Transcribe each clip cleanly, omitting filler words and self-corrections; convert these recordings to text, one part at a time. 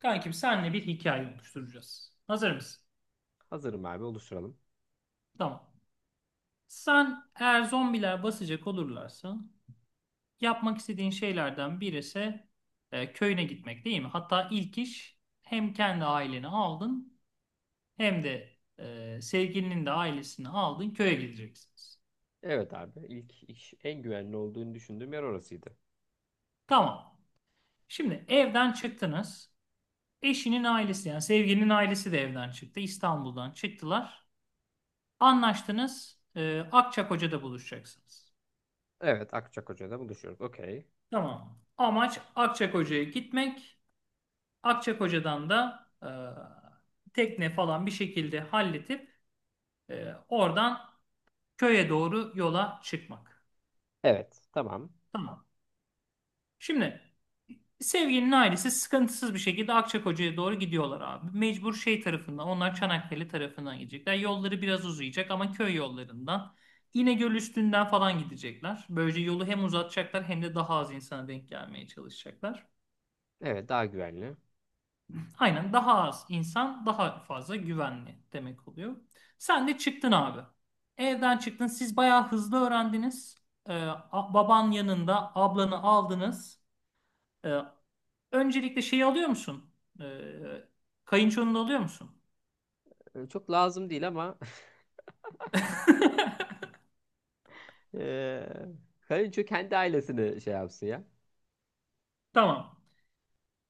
Kankim senle bir hikaye oluşturacağız. Hazır mısın? Hazırım abi, oluşturalım. Tamam. Sen eğer zombiler basacak olurlarsa yapmak istediğin şeylerden birisi köyüne gitmek değil mi? Hatta ilk iş hem kendi aileni aldın hem de sevgilinin de ailesini aldın köye gideceksiniz. Evet abi, ilk iş en güvenli olduğunu düşündüğüm yer orasıydı. Tamam. Şimdi evden çıktınız. Eşinin ailesi yani sevgilinin ailesi de evden çıktı. İstanbul'dan çıktılar. Anlaştınız. Akçakoca'da buluşacaksınız. Evet, Akçakoca'da buluşuyoruz. Okey. Tamam. Amaç Akçakoca'ya gitmek. Akçakoca'dan da tekne falan bir şekilde halletip oradan köye doğru yola çıkmak. Evet, tamam. Tamam. Şimdi sevgilinin ailesi sıkıntısız bir şekilde Akçakoca'ya doğru gidiyorlar abi. Mecbur şey tarafından onlar Çanakkale tarafından gidecekler. Yolları biraz uzayacak ama köy yollarından İnegöl üstünden falan gidecekler. Böylece yolu hem uzatacaklar hem de daha az insana denk gelmeye çalışacaklar. Evet, daha güvenli. Aynen daha az insan daha fazla güvenli demek oluyor. Sen de çıktın abi. Evden çıktın. Siz bayağı hızlı öğrendiniz. Ee, Baban yanında ablanı aldınız. Ee, öncelikle şeyi alıyor musun? Ee, kayınçonu da alıyor musun? Çok lazım değil ama eee kayınço kendi ailesini şey yapsın ya. Tamam.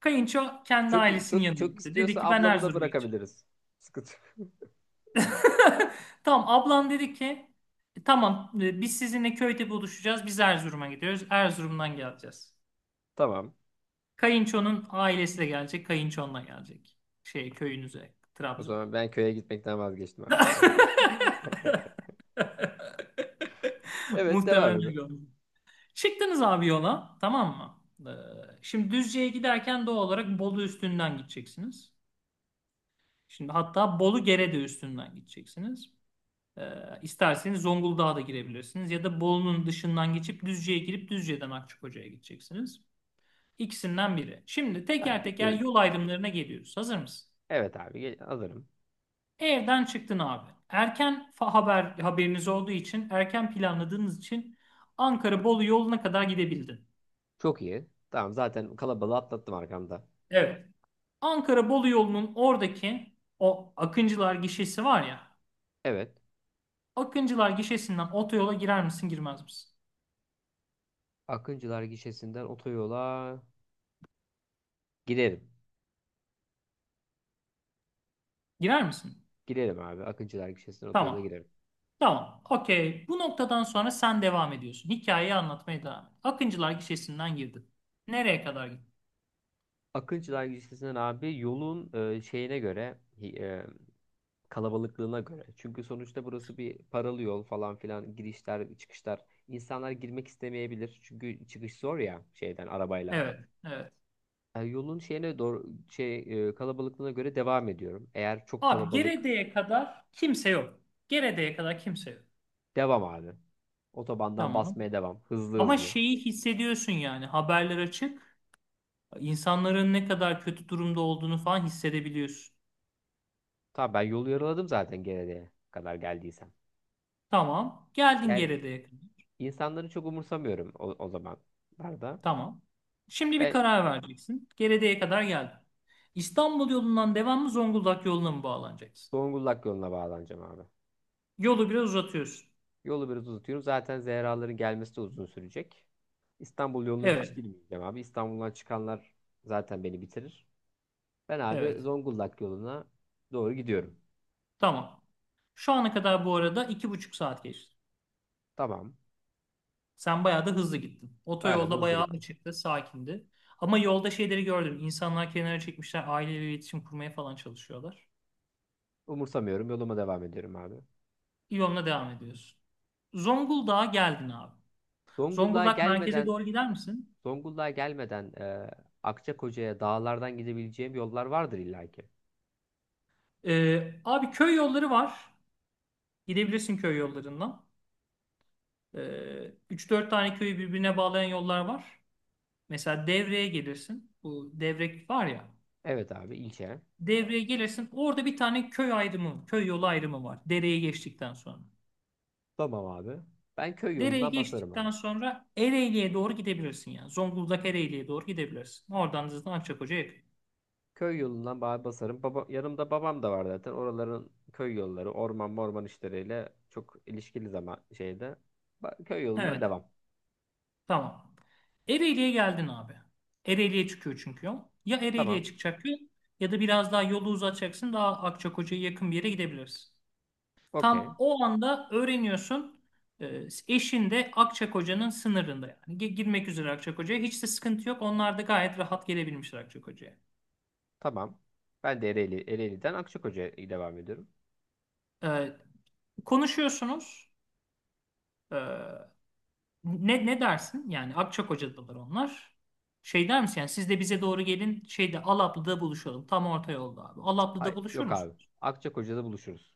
Kayınço kendi Çok ailesinin çok yanına çok gitti. Dedi istiyorsa ki ben ablamı da Erzurum'a gideceğim. bırakabiliriz. Sıkıntı. Tamam ablan dedi ki tamam biz sizinle köyde buluşacağız. Biz Erzurum'a gidiyoruz. Erzurum'dan geleceğiz. Tamam. Kayınço'nun ailesi de gelecek. Kayınçonla gelecek. Şey köyünüze. O zaman Trabzon'a. ben köye gitmekten vazgeçtim abi. Evet, devam Muhtemelen edelim. öyle olur. Çıktınız abi yola. Tamam mı? Ee, şimdi Düzce'ye giderken doğal olarak Bolu üstünden gideceksiniz. Şimdi hatta Bolu Gerede üstünden gideceksiniz. Ee, isterseniz Zonguldak'a da girebilirsiniz. Ya da Bolu'nun dışından geçip Düzce'ye girip Düzce'den Akçakoca'ya gideceksiniz. İkisinden biri. Şimdi Tamam, teker teker gidiyor. yol ayrımlarına geliyoruz. Hazır mısın? Evet abi, hazırım. Evden çıktın abi. Haberiniz olduğu için, erken planladığınız için Ankara-Bolu yoluna kadar gidebildin. Çok iyi. Tamam, zaten kalabalığı atlattım arkamda. Evet. Ankara-Bolu yolunun oradaki o Akıncılar gişesi var ya. Evet. Akıncılar gişesinden otoyola girer misin, girmez misin? Akıncılar gişesinden otoyola girerim. Girer misin? Girerim abi. Akıncılar gişesinden otoyola Tamam. girerim. Tamam. Okey. Bu noktadan sonra sen devam ediyorsun. Hikayeyi anlatmaya devam et. Akıncılar gişesinden girdin. Nereye kadar gittin? Akıncılar gişesinden abi yolun şeyine göre kalabalıklığına göre. Çünkü sonuçta burası bir paralı yol falan filan, girişler çıkışlar. İnsanlar girmek istemeyebilir. Çünkü çıkış zor ya şeyden, arabayla. Evet. Evet. E, yolun şeyine doğru şey kalabalıklığına göre devam ediyorum. Eğer çok Abi kalabalık, Gerede'ye kadar kimse yok. Gerede'ye kadar kimse yok. devam abi. Otobandan Tamam. basmaya devam. Hızlı Ama hızlı. şeyi hissediyorsun yani haberler açık. İnsanların ne kadar kötü durumda olduğunu falan hissedebiliyorsun. Tamam, ben yolu yarıladım zaten gelene kadar geldiysem. Tamam. Geldin Yani Gerede'ye kadar. insanları çok umursamıyorum o zamanlarda. Tamam. Şimdi bir Ben karar vereceksin. Gerede'ye kadar geldin. İstanbul yolundan devam mı Zonguldak yoluna mı bağlanacaksın? Zonguldak yoluna bağlanacağım abi. Yolu biraz uzatıyorsun. Yolu biraz uzatıyorum. Zaten Zehraların gelmesi de uzun sürecek. İstanbul yoluna hiç Evet. girmeyeceğim abi. İstanbul'dan çıkanlar zaten beni bitirir. Ben abi Evet. Zonguldak yoluna doğru gidiyorum. Tamam. Şu ana kadar bu arada iki buçuk saat geçti. Tamam. Sen bayağı da hızlı gittin. Bayağı da Otoyolda hızlı bayağı gittim. açıktı, sakindi. Ama yolda şeyleri gördüm. İnsanlar kenara çekmişler, aileyle iletişim kurmaya falan çalışıyorlar. Umursamıyorum. Yoluma devam ediyorum abi. İvon'la devam ediyorsun. Zonguldak'a geldin abi. Zonguldak'a Zonguldak merkeze gelmeden doğru gider misin? Zonguldak'a gelmeden Akçakoca'ya dağlardan gidebileceğim yollar vardır illaki. Abi köy yolları var. Gidebilirsin köy yollarından. Ee, 3-4 tane köyü birbirine bağlayan yollar var. Mesela Devre'ye gelirsin. Bu Devrek var ya. Evet abi, ilçe. Devre'ye gelirsin. Orada bir tane köy ayrımı, köy yolu ayrımı var. Dereyi geçtikten sonra. Tamam abi. Ben köy Dereyi yoluna basarım geçtikten abi. sonra Ereğli'ye doğru gidebilirsin ya. Zonguldak Ereğli'ye doğru gidebilirsin. Oradan zaten Akçakoca'ya yakın. Köy yolundan basarım. Baba, yanımda babam da var zaten. Oraların köy yolları, orman morman işleriyle çok ilişkili zaman şeyde. Köy yolundan Evet. devam. Tamam. Ereğli'ye geldin abi. Ereğli'ye çıkıyor çünkü yol. Ya Ereğli'ye Tamam. çıkacak yol ya da biraz daha yolu uzatacaksın. Daha Akçakoca'ya yakın bir yere gidebilirsin. Okey. Tam o anda öğreniyorsun. e, Eşin de Akçakoca'nın sınırında yani. Girmek üzere Akçakoca'ya. Hiç de sıkıntı yok. Onlar da gayet rahat gelebilmişler Akçakoca'ya. Tamam. Ben de Ereğli, Ereğli'den Akçakoca'ya devam ediyorum. E, konuşuyorsunuz. E, ne dersin? Yani Akçakoca'dalar onlar. Şey der misin? Yani siz de bize doğru gelin şeyde Alaplı'da buluşalım. Tam orta yolda abi. Hay Alaplı'da buluşur yok abi. musunuz? Akçakoca'da buluşuruz.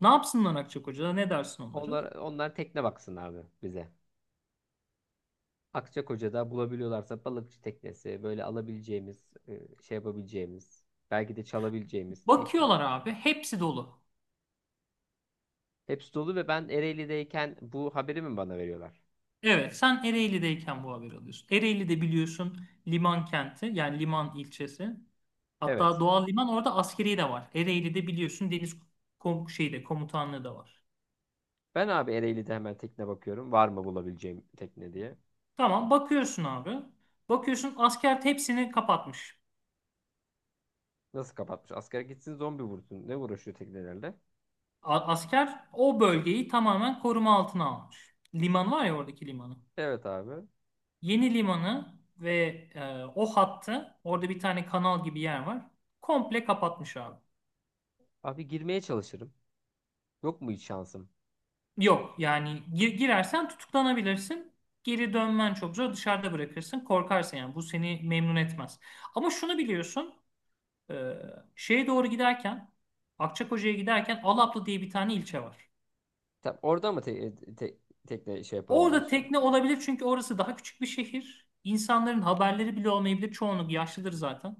Ne yapsınlar Akçak Hoca'da? Ne dersin onları? Onlar, onlar tekne baksın abi bize. Akçakoca'da bulabiliyorlarsa balıkçı teknesi, böyle alabileceğimiz, şey yapabileceğimiz, belki de çalabileceğimiz tekne. Bakıyorlar abi. Hepsi dolu. Hepsi dolu ve ben Ereğli'deyken bu haberi mi bana veriyorlar? Evet sen Ereğli'deyken bu haberi alıyorsun. Ereğli'de biliyorsun liman kenti yani liman ilçesi. Evet. Hatta doğal liman orada askeri de var. Ereğli'de biliyorsun deniz şeyde komutanlığı da var. Ben abi Ereğli'de hemen tekne bakıyorum. Var mı bulabileceğim tekne diye. Tamam bakıyorsun abi. Bakıyorsun asker hepsini kapatmış. Nasıl kapatmış? Askere gitsin zombi vursun. Ne uğraşıyor teknelerle? Asker o bölgeyi tamamen koruma altına almış. Liman var ya oradaki limanı. Evet abi. Yeni limanı ve o hattı orada bir tane kanal gibi yer var. Komple kapatmış abi. Abi girmeye çalışırım. Yok mu hiç şansım? Yok yani girersen tutuklanabilirsin. Geri dönmen çok zor. Dışarıda bırakırsın. Korkarsın yani. Bu seni memnun etmez. Ama şunu biliyorsun. e, şeye doğru giderken Akçakoca'ya giderken Alaplı diye bir tane ilçe var. Tam orada mı tekne şey yapalım Orada diyorsun? tekne olabilir çünkü orası daha küçük bir şehir. İnsanların haberleri bile olmayabilir. Çoğunluk yaşlıdır zaten.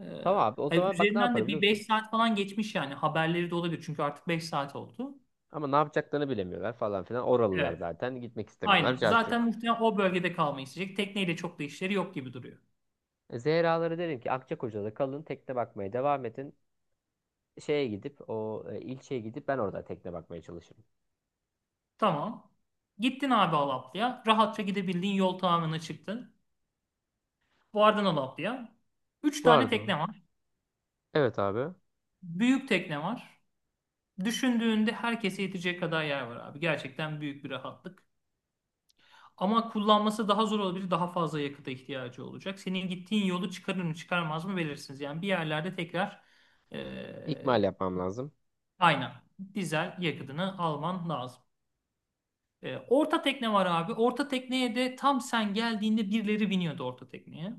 Ee, Tamam abi, o hani zaman bak ne üzerinden yapar de biliyor bir musun? 5 saat falan geçmiş yani. Haberleri de olabilir çünkü artık 5 saat oldu. Ama ne yapacaklarını bilemiyorlar falan filan. Oralılar Evet. zaten gitmek istemiyorlar. Aynen. Carçurt. Zaten muhtemelen o bölgede kalmayı isteyecek. Tekneyle çok da işleri yok gibi duruyor. Zehra'ları derim ki Akçakoca'da kalın, tekne bakmaya devam edin. Şeye gidip o ilçeye gidip ben orada tekne bakmaya çalışırım. Tamam. Gittin abi Alaplı'ya. Rahatça gidebildiğin yol tamamına çıktın. Vardın Alaplı'ya. 3 tane Vardı mı? tekne var. Evet abi. Büyük tekne var. Düşündüğünde herkese yetecek kadar yer var abi. Gerçekten büyük bir rahatlık. Ama kullanması daha zor olabilir. Daha fazla yakıta ihtiyacı olacak. Senin gittiğin yolu çıkarır mı çıkarmaz mı belirsiniz. Yani bir yerlerde tekrar İkmal e, yapmam lazım. aynen dizel yakıtını alman lazım. Orta tekne var abi. Orta tekneye de tam sen geldiğinde birileri biniyordu orta tekneye.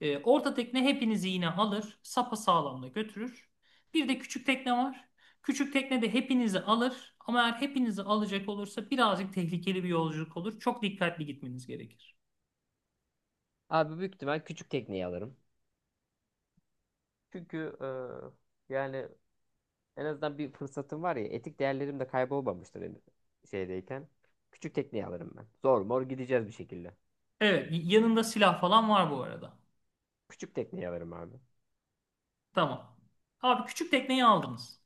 Orta tekne hepinizi yine alır. Sapa sağlamla götürür. Bir de küçük tekne var. Küçük tekne de hepinizi alır. Ama eğer hepinizi alacak olursa birazcık tehlikeli bir yolculuk olur. Çok dikkatli gitmeniz gerekir. Abi büyük ihtimal küçük tekneyi alırım. Çünkü yani en azından bir fırsatım var ya, etik değerlerim de kaybolmamıştır benim şeydeyken. Küçük tekneyi alırım ben. Zor mor gideceğiz bir şekilde. Evet, yanında silah falan var bu arada. Küçük tekneyi alırım abi. Tamam. Abi küçük tekneyi aldınız.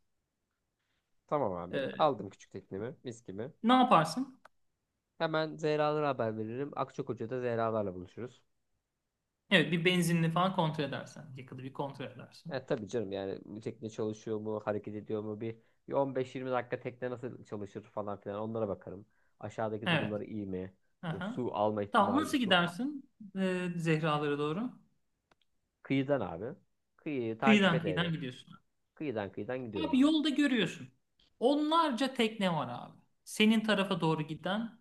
Tamam abi. Ee, Aldım küçük teknemi. Mis gibi. ne yaparsın? Hemen Zehra'lara haber veririm. Akçakoca'da Zehra'larla buluşuruz. Evet, bir benzinli falan kontrol edersen. Yakıtı bir kontrol edersin. E, tabii canım, yani tekne çalışıyor mu, hareket ediyor mu, bir 15-20 dakika tekne nasıl çalışır falan filan onlara bakarım. Aşağıdaki Evet. durumları iyi mi? E, Aha. su alma Tamam, ihtimali, nasıl su. gidersin? Zehralara doğru. Kıyıdan abi. Kıyıyı takip Kıyıdan ede ede. kıyıdan gidiyorsun. Kıyıdan kıyıdan gidiyorum Abi abi. yolda görüyorsun. Onlarca tekne var abi. Senin tarafa doğru giden,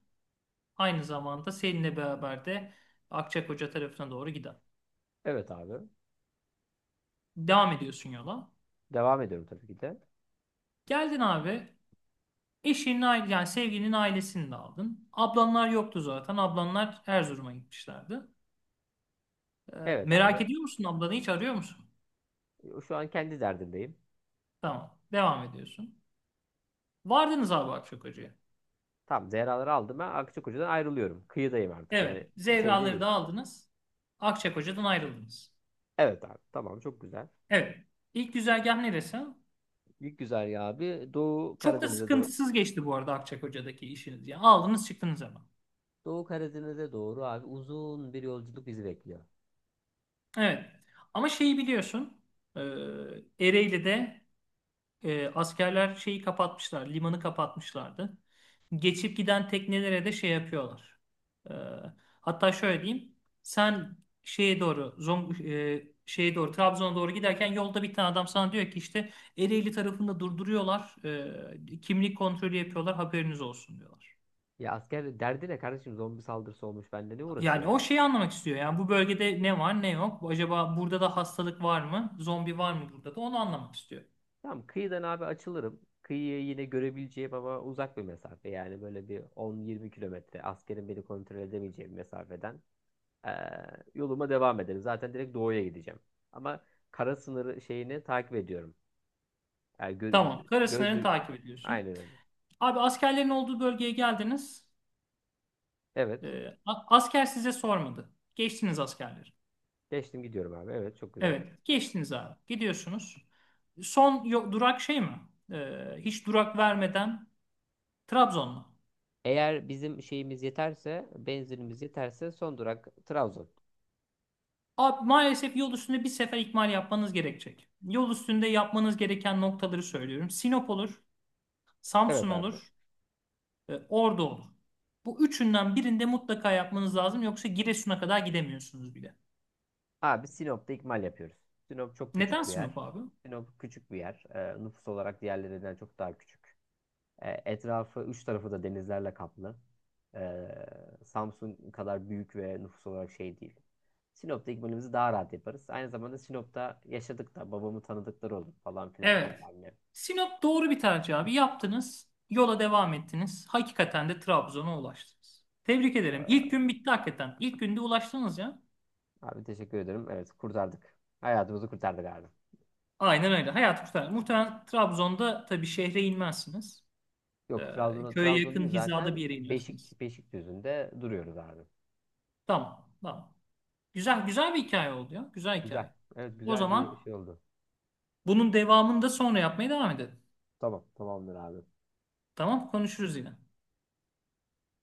aynı zamanda seninle beraber de Akçakoca tarafına doğru giden. Evet abi. Devam ediyorsun yola. Devam ediyorum tabii ki de. Geldin abi. Eşinin aile yani sevgilinin ailesini de aldın. Ablanlar yoktu zaten. Ablanlar Erzurum'a gitmişlerdi. Ee, Evet merak abi. ediyor musun ablanı hiç arıyor musun? E, şu an kendi derdindeyim. Tamam. Devam ediyorsun. Vardınız abi Akçakoca'ya. Tamam, Zehra'ları aldım, ben Akçakoca'dan ayrılıyorum. Kıyıdayım artık, Evet. yani şeyde Zevraları değil. da aldınız. Akçakoca'dan ayrıldınız. Evet abi, tamam çok güzel. Evet. İlk güzergah neresi? Büyük güzergah abi, Doğu Çok da Karadeniz'e doğru. sıkıntısız geçti bu arada Akçakoca'daki işiniz. Yani aldınız çıktınız hemen. Doğu Karadeniz'e doğru abi, uzun bir yolculuk bizi bekliyor. Evet. Ama şeyi biliyorsun. E, Ereğli'de askerler şeyi kapatmışlar, limanı kapatmışlardı. Geçip giden teknelere de şey yapıyorlar. E, hatta şöyle diyeyim. Sen şeye doğru, Trabzon'a doğru giderken yolda bir tane adam sana diyor ki işte Ereğli tarafında durduruyorlar. Kimlik kontrolü yapıyorlar, haberiniz olsun diyorlar. Ya asker derdi ne kardeşim, zombi saldırısı olmuş, bende ne uğraşıyor Yani ya. o şeyi anlamak istiyor. Yani bu bölgede ne var ne yok. Acaba burada da hastalık var mı? Zombi var mı burada da? Onu anlamak istiyor. Tamam, kıyıdan abi açılırım. Kıyıyı yine görebileceğim ama uzak bir mesafe, yani böyle bir 10-20 kilometre askerin beni kontrol edemeyeceği bir mesafeden ee, yoluma devam ederim. Zaten direkt doğuya gideceğim. Ama kara sınırı şeyini takip ediyorum. Yani Tamam. Kara gözle, takip ediyorsun. aynen öyle. Abi askerlerin olduğu bölgeye geldiniz. Evet, Asker size sormadı. Geçtiniz askerleri. geçtim, gidiyorum abi, evet çok güzel. Evet, geçtiniz abi. Gidiyorsunuz. Durak şey mi? Hiç durak vermeden Trabzon mu? Eğer bizim şeyimiz yeterse, benzinimiz yeterse son durak Trabzon. Abi, maalesef yol üstünde bir sefer ikmal yapmanız gerekecek. Yol üstünde yapmanız gereken noktaları söylüyorum. Sinop olur, Samsun Evet abi. olur, Ordu olur. Bu üçünden birinde mutlaka yapmanız lazım. Yoksa Giresun'a kadar gidemiyorsunuz bile. Abi Sinop'ta ikmal yapıyoruz. Sinop çok Neden küçük bir Sinop yer. abi? Sinop küçük bir yer. Nüfus olarak diğerlerinden çok daha küçük. Etrafı, üç tarafı da denizlerle kaplı. Ee, Samsun kadar büyük ve nüfus olarak şey değil. Sinop'ta ikmalimizi daha rahat yaparız. Aynı zamanda Sinop'ta yaşadık da, babamı tanıdıkları olur falan filan Evet. bilmem ne. Sinop doğru bir tercih abi. Yaptınız. Yola devam ettiniz. Hakikaten de Trabzon'a ulaştınız. Tebrik ederim. İlk Ee, gün bitti hakikaten. İlk günde ulaştınız ya. abi teşekkür ederim. Evet, kurtardık. Hayatımızı kurtardık abi. Aynen öyle. Hayat kurtar. Muhtemelen Trabzon'da tabii şehre inmezsiniz. Yok, Trabzon'a, Köye Trabzon yakın değil hizada zaten, bir yere inersiniz. Beşikdüzü'nde duruyoruz abi. Tamam. Tamam. Güzel güzel bir hikaye oldu ya. Güzel Güzel. hikaye. Evet, O güzel bir zaman şey oldu. bunun devamını da sonra yapmaya devam edelim. Tamam, tamamdır abi. Tamam, konuşuruz yine.